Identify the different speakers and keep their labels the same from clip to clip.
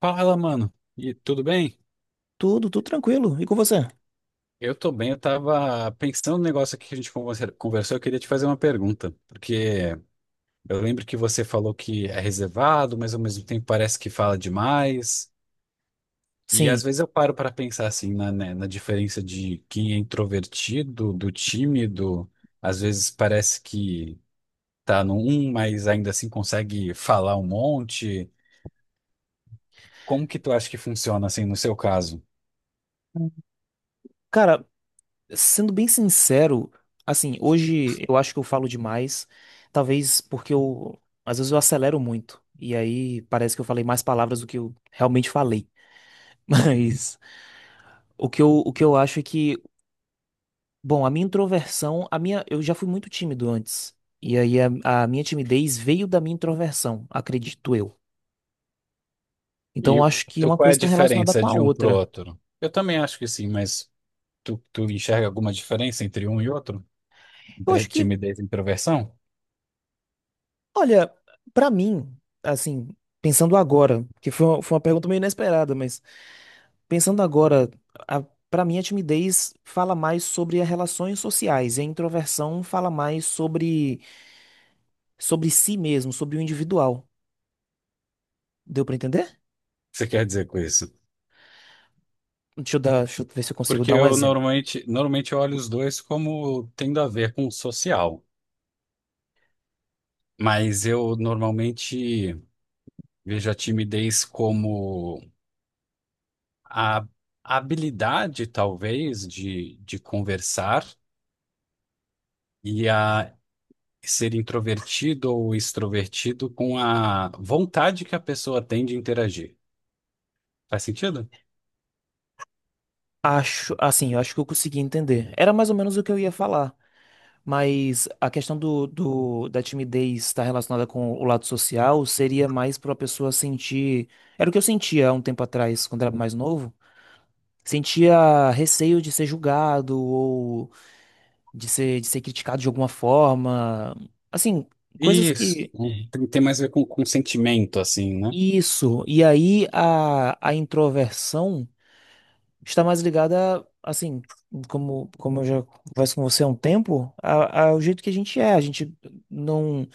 Speaker 1: Fala, mano. E tudo bem?
Speaker 2: Tudo tranquilo. E com você?
Speaker 1: Eu tô bem. Eu tava pensando no negócio aqui que conversou. Eu queria te fazer uma pergunta, porque eu lembro que você falou que é reservado, mas ao mesmo tempo parece que fala demais. E
Speaker 2: Sim.
Speaker 1: às vezes eu paro para pensar assim na, né, na diferença de quem é introvertido, do tímido. Às vezes parece que tá no um, mas ainda assim consegue falar um monte. Como que tu acha que funciona assim no seu caso?
Speaker 2: Cara, sendo bem sincero, assim, hoje eu acho que eu falo demais, talvez às vezes eu acelero muito, e aí parece que eu falei mais palavras do que eu realmente falei. Mas o que eu acho é que, bom, a minha introversão, eu já fui muito tímido antes, e aí a minha timidez veio da minha introversão, acredito eu. Então eu
Speaker 1: E
Speaker 2: acho que
Speaker 1: tu,
Speaker 2: uma
Speaker 1: qual é
Speaker 2: coisa
Speaker 1: a
Speaker 2: está relacionada com
Speaker 1: diferença
Speaker 2: a
Speaker 1: de um pro
Speaker 2: outra.
Speaker 1: outro? Eu também acho que sim, mas tu enxerga alguma diferença entre um e outro?
Speaker 2: Eu
Speaker 1: Entre
Speaker 2: acho que
Speaker 1: timidez e introversão? O
Speaker 2: Olha, pra mim, assim, pensando agora, que foi foi uma pergunta meio inesperada, mas pensando agora, a, para mim a timidez fala mais sobre as relações sociais, e a introversão fala mais sobre si mesmo, sobre o individual. Deu pra entender?
Speaker 1: que você quer dizer com isso?
Speaker 2: Deixa eu ver se eu consigo
Speaker 1: Porque
Speaker 2: dar um
Speaker 1: eu
Speaker 2: exemplo.
Speaker 1: normalmente eu olho os dois como tendo a ver com o social, mas eu normalmente vejo a timidez como a habilidade, talvez, de conversar e a ser introvertido ou extrovertido com a vontade que a pessoa tem de interagir. Faz sentido?
Speaker 2: Acho, assim, eu acho que eu consegui entender. Era mais ou menos o que eu ia falar. Mas a questão da timidez estar relacionada com o lado social seria mais para a pessoa sentir. Era o que eu sentia há um tempo atrás, quando era mais novo. Sentia receio de ser julgado ou de ser criticado de alguma forma. Assim, coisas
Speaker 1: Isso.
Speaker 2: que.
Speaker 1: Tem, tem mais a ver com sentimento, assim, né?
Speaker 2: Isso. E aí a introversão está mais ligada, assim, como eu já converso com você há um tempo, ao jeito que a gente é. A gente não.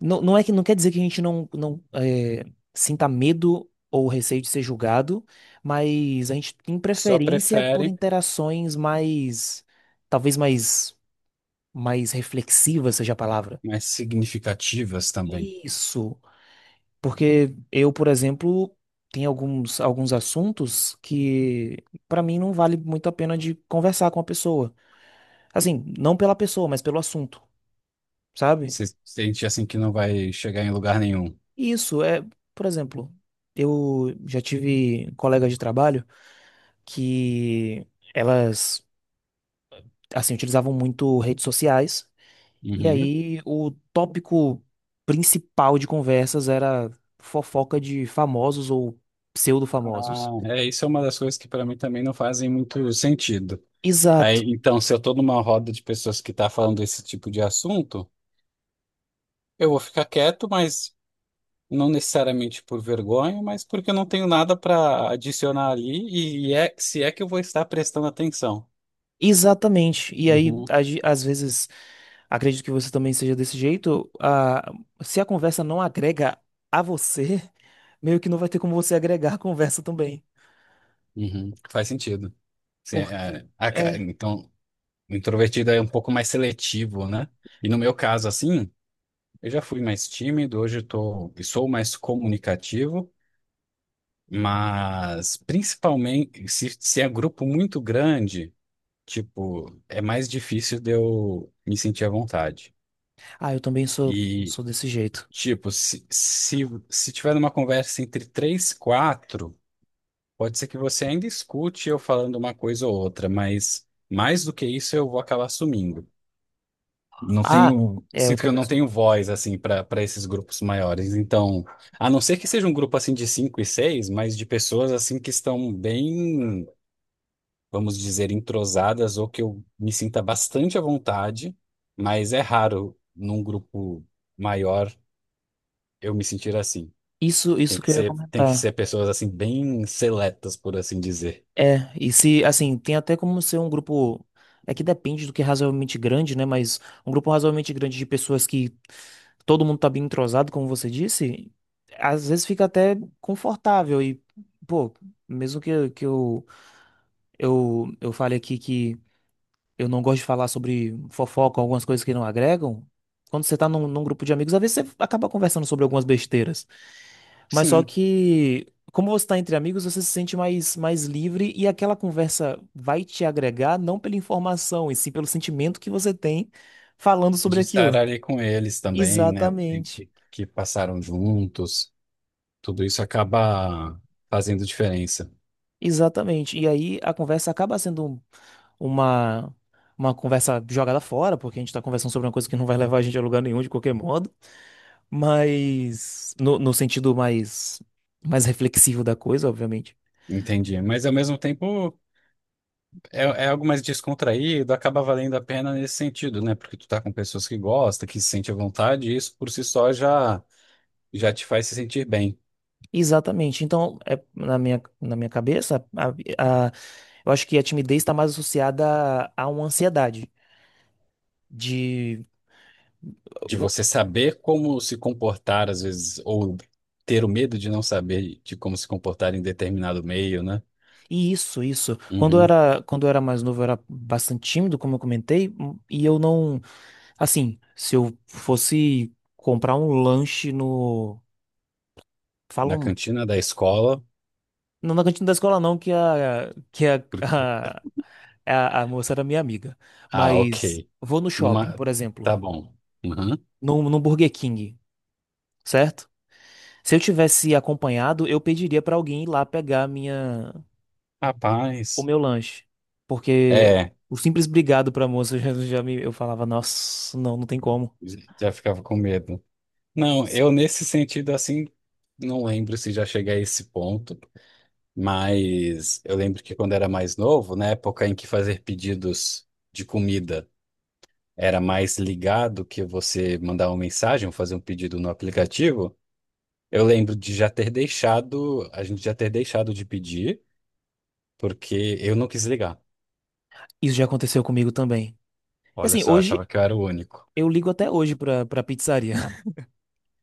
Speaker 2: Não, não é que não quer dizer que a gente não, não é, sinta medo ou receio de ser julgado, mas a gente tem
Speaker 1: Só
Speaker 2: preferência por
Speaker 1: prefere,
Speaker 2: interações mais, talvez mais, mais reflexivas seja a palavra.
Speaker 1: mas significativas também.
Speaker 2: Isso, porque eu, por exemplo, tem alguns assuntos que pra mim não vale muito a pena de conversar com a pessoa. Assim, não pela pessoa, mas pelo assunto, sabe?
Speaker 1: Se sente assim que não vai chegar em lugar nenhum.
Speaker 2: Isso é, por exemplo, eu já tive colegas de trabalho que elas, assim, utilizavam muito redes sociais. E
Speaker 1: Uhum.
Speaker 2: aí o tópico principal de conversas era fofoca de famosos ou
Speaker 1: Ah,
Speaker 2: pseudo-famosos.
Speaker 1: é, isso é uma das coisas que para mim também não fazem muito sentido. Aí,
Speaker 2: Exato,
Speaker 1: então, se eu tô numa roda de pessoas que tá falando desse tipo de assunto, eu vou ficar quieto, mas não necessariamente por vergonha, mas porque eu não tenho nada para adicionar ali e é, se é que eu vou estar prestando atenção.
Speaker 2: exatamente. E aí,
Speaker 1: Uhum.
Speaker 2: às vezes, acredito que você também seja desse jeito, se a conversa não agrega a você, meio que não vai ter como você agregar a conversa também.
Speaker 1: Uhum. Faz sentido. Se é-
Speaker 2: Porque,
Speaker 1: é,
Speaker 2: é.
Speaker 1: então, o introvertido é um pouco mais seletivo, né? E no meu caso, assim, eu já fui mais tímido, hoje eu tô, e sou mais comunicativo, mas principalmente se é grupo muito grande, tipo, é mais difícil de eu me sentir à vontade.
Speaker 2: Ah, eu também sou,
Speaker 1: E
Speaker 2: sou desse jeito.
Speaker 1: tipo, se tiver uma conversa entre três, quatro, pode ser que você ainda escute eu falando uma coisa ou outra, mas mais do que isso eu vou acabar sumindo. Não
Speaker 2: Ah,
Speaker 1: tenho,
Speaker 2: é, eu
Speaker 1: sinto que eu
Speaker 2: também
Speaker 1: não
Speaker 2: sou.
Speaker 1: tenho voz assim para esses grupos maiores. Então, a não ser que seja um grupo assim de cinco e seis, mas de pessoas assim que estão bem, vamos dizer, entrosadas ou que eu me sinta bastante à vontade, mas é raro num grupo maior eu me sentir assim.
Speaker 2: Isso,
Speaker 1: Tem
Speaker 2: isso que
Speaker 1: que
Speaker 2: eu ia
Speaker 1: ser, tem que
Speaker 2: comentar.
Speaker 1: ser pessoas assim bem seletas, por assim dizer.
Speaker 2: É, e se, assim, tem até como ser um grupo. É que depende do que é razoavelmente grande, né? Mas um grupo razoavelmente grande de pessoas que todo mundo tá bem entrosado, como você disse, às vezes fica até confortável. E, pô, mesmo que eu fale aqui que eu não gosto de falar sobre fofoca, algumas coisas que não agregam, quando você tá num grupo de amigos, às vezes você acaba conversando sobre algumas besteiras. Mas só
Speaker 1: Sim,
Speaker 2: que, como você está entre amigos, você se sente mais livre e aquela conversa vai te agregar não pela informação, e sim pelo sentimento que você tem falando sobre
Speaker 1: de estar
Speaker 2: aquilo.
Speaker 1: ali com eles também, né? O tempo
Speaker 2: Exatamente,
Speaker 1: que passaram juntos, tudo isso acaba fazendo diferença.
Speaker 2: exatamente. E aí a conversa acaba uma, uma conversa jogada fora, porque a gente está conversando sobre uma coisa que não vai levar a gente a lugar nenhum de qualquer modo, mas no sentido mais, mais reflexivo da coisa, obviamente.
Speaker 1: Entendi. Mas ao mesmo tempo é, é algo mais descontraído, acaba valendo a pena nesse sentido, né? Porque tu tá com pessoas que gostam, que se sente à vontade, e isso por si só já, já te faz se sentir bem.
Speaker 2: Exatamente. Então, é, na minha cabeça, a- eu acho que a timidez está mais associada a uma ansiedade. De.
Speaker 1: De
Speaker 2: o-
Speaker 1: você saber como se comportar, às vezes, ou ter o medo de não saber de como se comportar em determinado meio, né?
Speaker 2: Isso, isso.
Speaker 1: Uhum.
Speaker 2: Quando eu era mais novo, eu era bastante tímido, como eu comentei, e eu não. Assim, se eu fosse comprar um lanche no.
Speaker 1: Na
Speaker 2: Falam.
Speaker 1: cantina da escola.
Speaker 2: Não na cantina da escola, não, a, a moça era minha amiga.
Speaker 1: Ah, ok.
Speaker 2: Mas vou no shopping,
Speaker 1: Numa...
Speaker 2: por exemplo,
Speaker 1: Tá bom. Uhum.
Speaker 2: no Burger King, certo? Se eu tivesse acompanhado, eu pediria pra alguém ir lá pegar a minha o
Speaker 1: Rapaz.
Speaker 2: meu lanche, porque
Speaker 1: É,
Speaker 2: o simples obrigado pra moça já me eu falava, nossa, não tem como.
Speaker 1: já ficava com medo. Não, eu
Speaker 2: Sim.
Speaker 1: nesse sentido, assim, não lembro se já cheguei a esse ponto, mas eu lembro que quando era mais novo, na época em que fazer pedidos de comida era mais ligado que você mandar uma mensagem ou fazer um pedido no aplicativo, eu lembro de já ter deixado, a gente já ter deixado de pedir, porque eu não quis ligar.
Speaker 2: Isso já aconteceu comigo também. E
Speaker 1: Olha
Speaker 2: assim,
Speaker 1: só, eu
Speaker 2: hoje
Speaker 1: achava que eu era o único.
Speaker 2: eu ligo até hoje pra para pizzaria.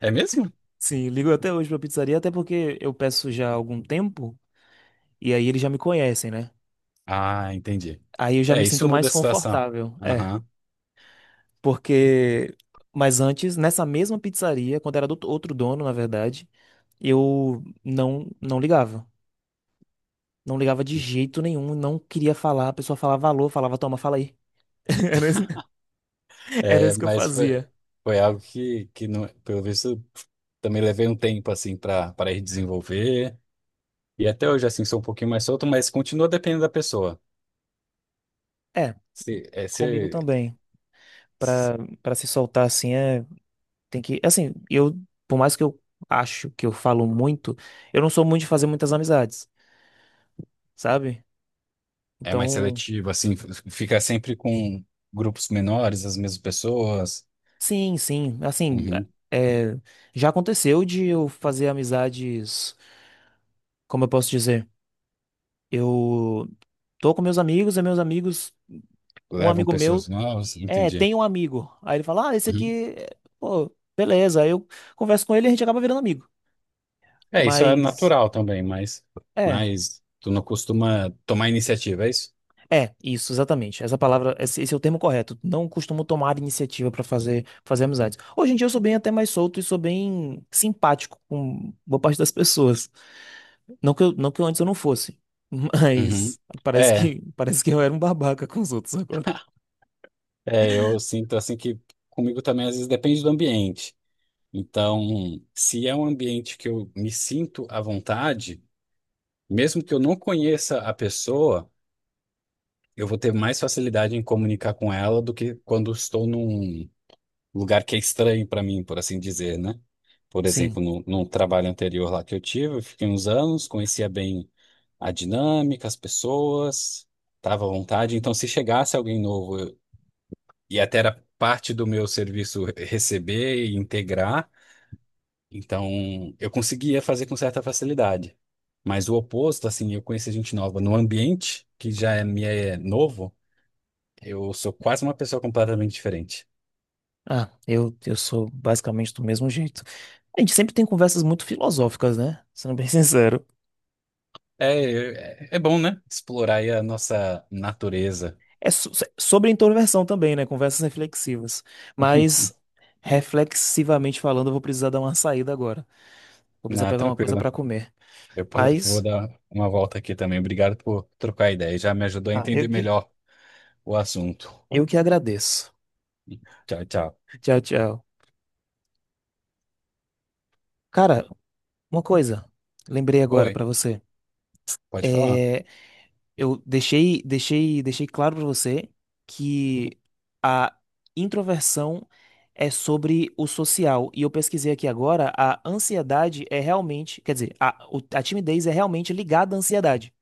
Speaker 1: É mesmo?
Speaker 2: Sim, ligo até hoje pra pizzaria, até porque eu peço já há algum tempo e aí eles já me conhecem, né?
Speaker 1: Ah, entendi.
Speaker 2: Aí eu já
Speaker 1: É,
Speaker 2: me
Speaker 1: isso
Speaker 2: sinto
Speaker 1: muda
Speaker 2: mais
Speaker 1: a situação.
Speaker 2: confortável. É,
Speaker 1: Aham.
Speaker 2: porque mas antes, nessa mesma pizzaria, quando era do outro dono, na verdade, eu não ligava. Não ligava de jeito nenhum, não queria falar. A pessoa falava alô, falava toma, fala aí. Era isso, era
Speaker 1: É,
Speaker 2: isso que eu
Speaker 1: mas foi,
Speaker 2: fazia.
Speaker 1: foi algo que não, pelo visto, também levei um tempo, assim, para ir desenvolver. E até hoje, assim, sou um pouquinho mais solto, mas continua dependendo da pessoa.
Speaker 2: É,
Speaker 1: Se, é,
Speaker 2: comigo
Speaker 1: se,
Speaker 2: também. Pra, pra se soltar assim, é, tem que. Assim, eu, por mais que eu acho que eu falo muito, eu não sou muito de fazer muitas amizades, sabe?
Speaker 1: É mais
Speaker 2: Então,
Speaker 1: seletivo, assim, fica sempre com grupos menores, as mesmas pessoas,
Speaker 2: sim, sim. Assim,
Speaker 1: uhum,
Speaker 2: é, já aconteceu de eu fazer amizades, como eu posso dizer? Eu tô com meus amigos, e meus amigos. Um
Speaker 1: levam
Speaker 2: amigo
Speaker 1: pessoas
Speaker 2: meu,
Speaker 1: novas,
Speaker 2: é,
Speaker 1: entendi.
Speaker 2: tem um amigo. Aí ele fala, ah, esse
Speaker 1: Uhum.
Speaker 2: aqui, é, pô, beleza. Aí eu converso com ele e a gente acaba virando amigo.
Speaker 1: É, isso é
Speaker 2: Mas,
Speaker 1: natural também,
Speaker 2: é,
Speaker 1: mas tu não costuma tomar iniciativa, é isso?
Speaker 2: é, isso, exatamente. Essa palavra, esse é o termo correto. Não costumo tomar iniciativa pra fazer, fazer amizades. Hoje em dia eu sou bem até mais solto e sou bem simpático com boa parte das pessoas. Não que eu antes eu não fosse.
Speaker 1: Uhum.
Speaker 2: Mas
Speaker 1: É,
Speaker 2: parece que eu era um babaca com os outros agora.
Speaker 1: é, eu sinto assim que comigo também às vezes depende do ambiente. Então, se é um ambiente que eu me sinto à vontade, mesmo que eu não conheça a pessoa, eu vou ter mais facilidade em comunicar com ela do que quando estou num lugar que é estranho para mim, por assim dizer, né? Por
Speaker 2: Sim.
Speaker 1: exemplo, no num trabalho anterior lá que eu tive, eu fiquei uns anos, conhecia bem a dinâmica, as pessoas, estava à vontade. Então, se chegasse alguém novo, eu- e até era parte do meu serviço receber e integrar, então eu conseguia fazer com certa facilidade. Mas o oposto, assim, eu conhecer gente nova no ambiente que já é, me é novo, eu sou quase uma pessoa completamente diferente.
Speaker 2: Ah, eu sou basicamente do mesmo jeito. A gente sempre tem conversas muito filosóficas, né? Sendo bem sincero.
Speaker 1: É, é, é bom, né? Explorar aí a nossa natureza.
Speaker 2: É sobre introversão também, né? Conversas reflexivas. Mas, reflexivamente falando, eu vou precisar dar uma saída agora. Vou precisar
Speaker 1: Na,
Speaker 2: pegar uma coisa
Speaker 1: tranquilo.
Speaker 2: pra comer.
Speaker 1: Vou
Speaker 2: Mas,
Speaker 1: dar uma volta aqui também. Obrigado por trocar ideia. Já me ajudou a
Speaker 2: ah,
Speaker 1: entender melhor o assunto.
Speaker 2: eu que agradeço.
Speaker 1: Tchau, tchau.
Speaker 2: Tchau, tchau. Cara, uma coisa. Lembrei agora
Speaker 1: Oi,
Speaker 2: pra você.
Speaker 1: pode falar.
Speaker 2: É, eu deixei claro para você que a introversão é sobre o social. E eu pesquisei aqui agora, a ansiedade é realmente, quer dizer, a timidez é realmente ligada à ansiedade.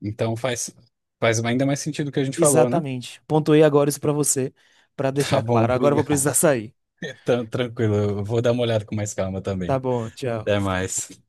Speaker 1: Então faz, faz ainda mais sentido o que a gente falou, né?
Speaker 2: Exatamente. Pontuei agora isso para você, para
Speaker 1: Tá
Speaker 2: deixar
Speaker 1: bom,
Speaker 2: claro. Agora eu vou
Speaker 1: obrigado.
Speaker 2: precisar sair.
Speaker 1: Então, tranquilo. Eu vou dar uma olhada com mais calma
Speaker 2: Tá
Speaker 1: também.
Speaker 2: bom,
Speaker 1: Até
Speaker 2: tchau.
Speaker 1: mais.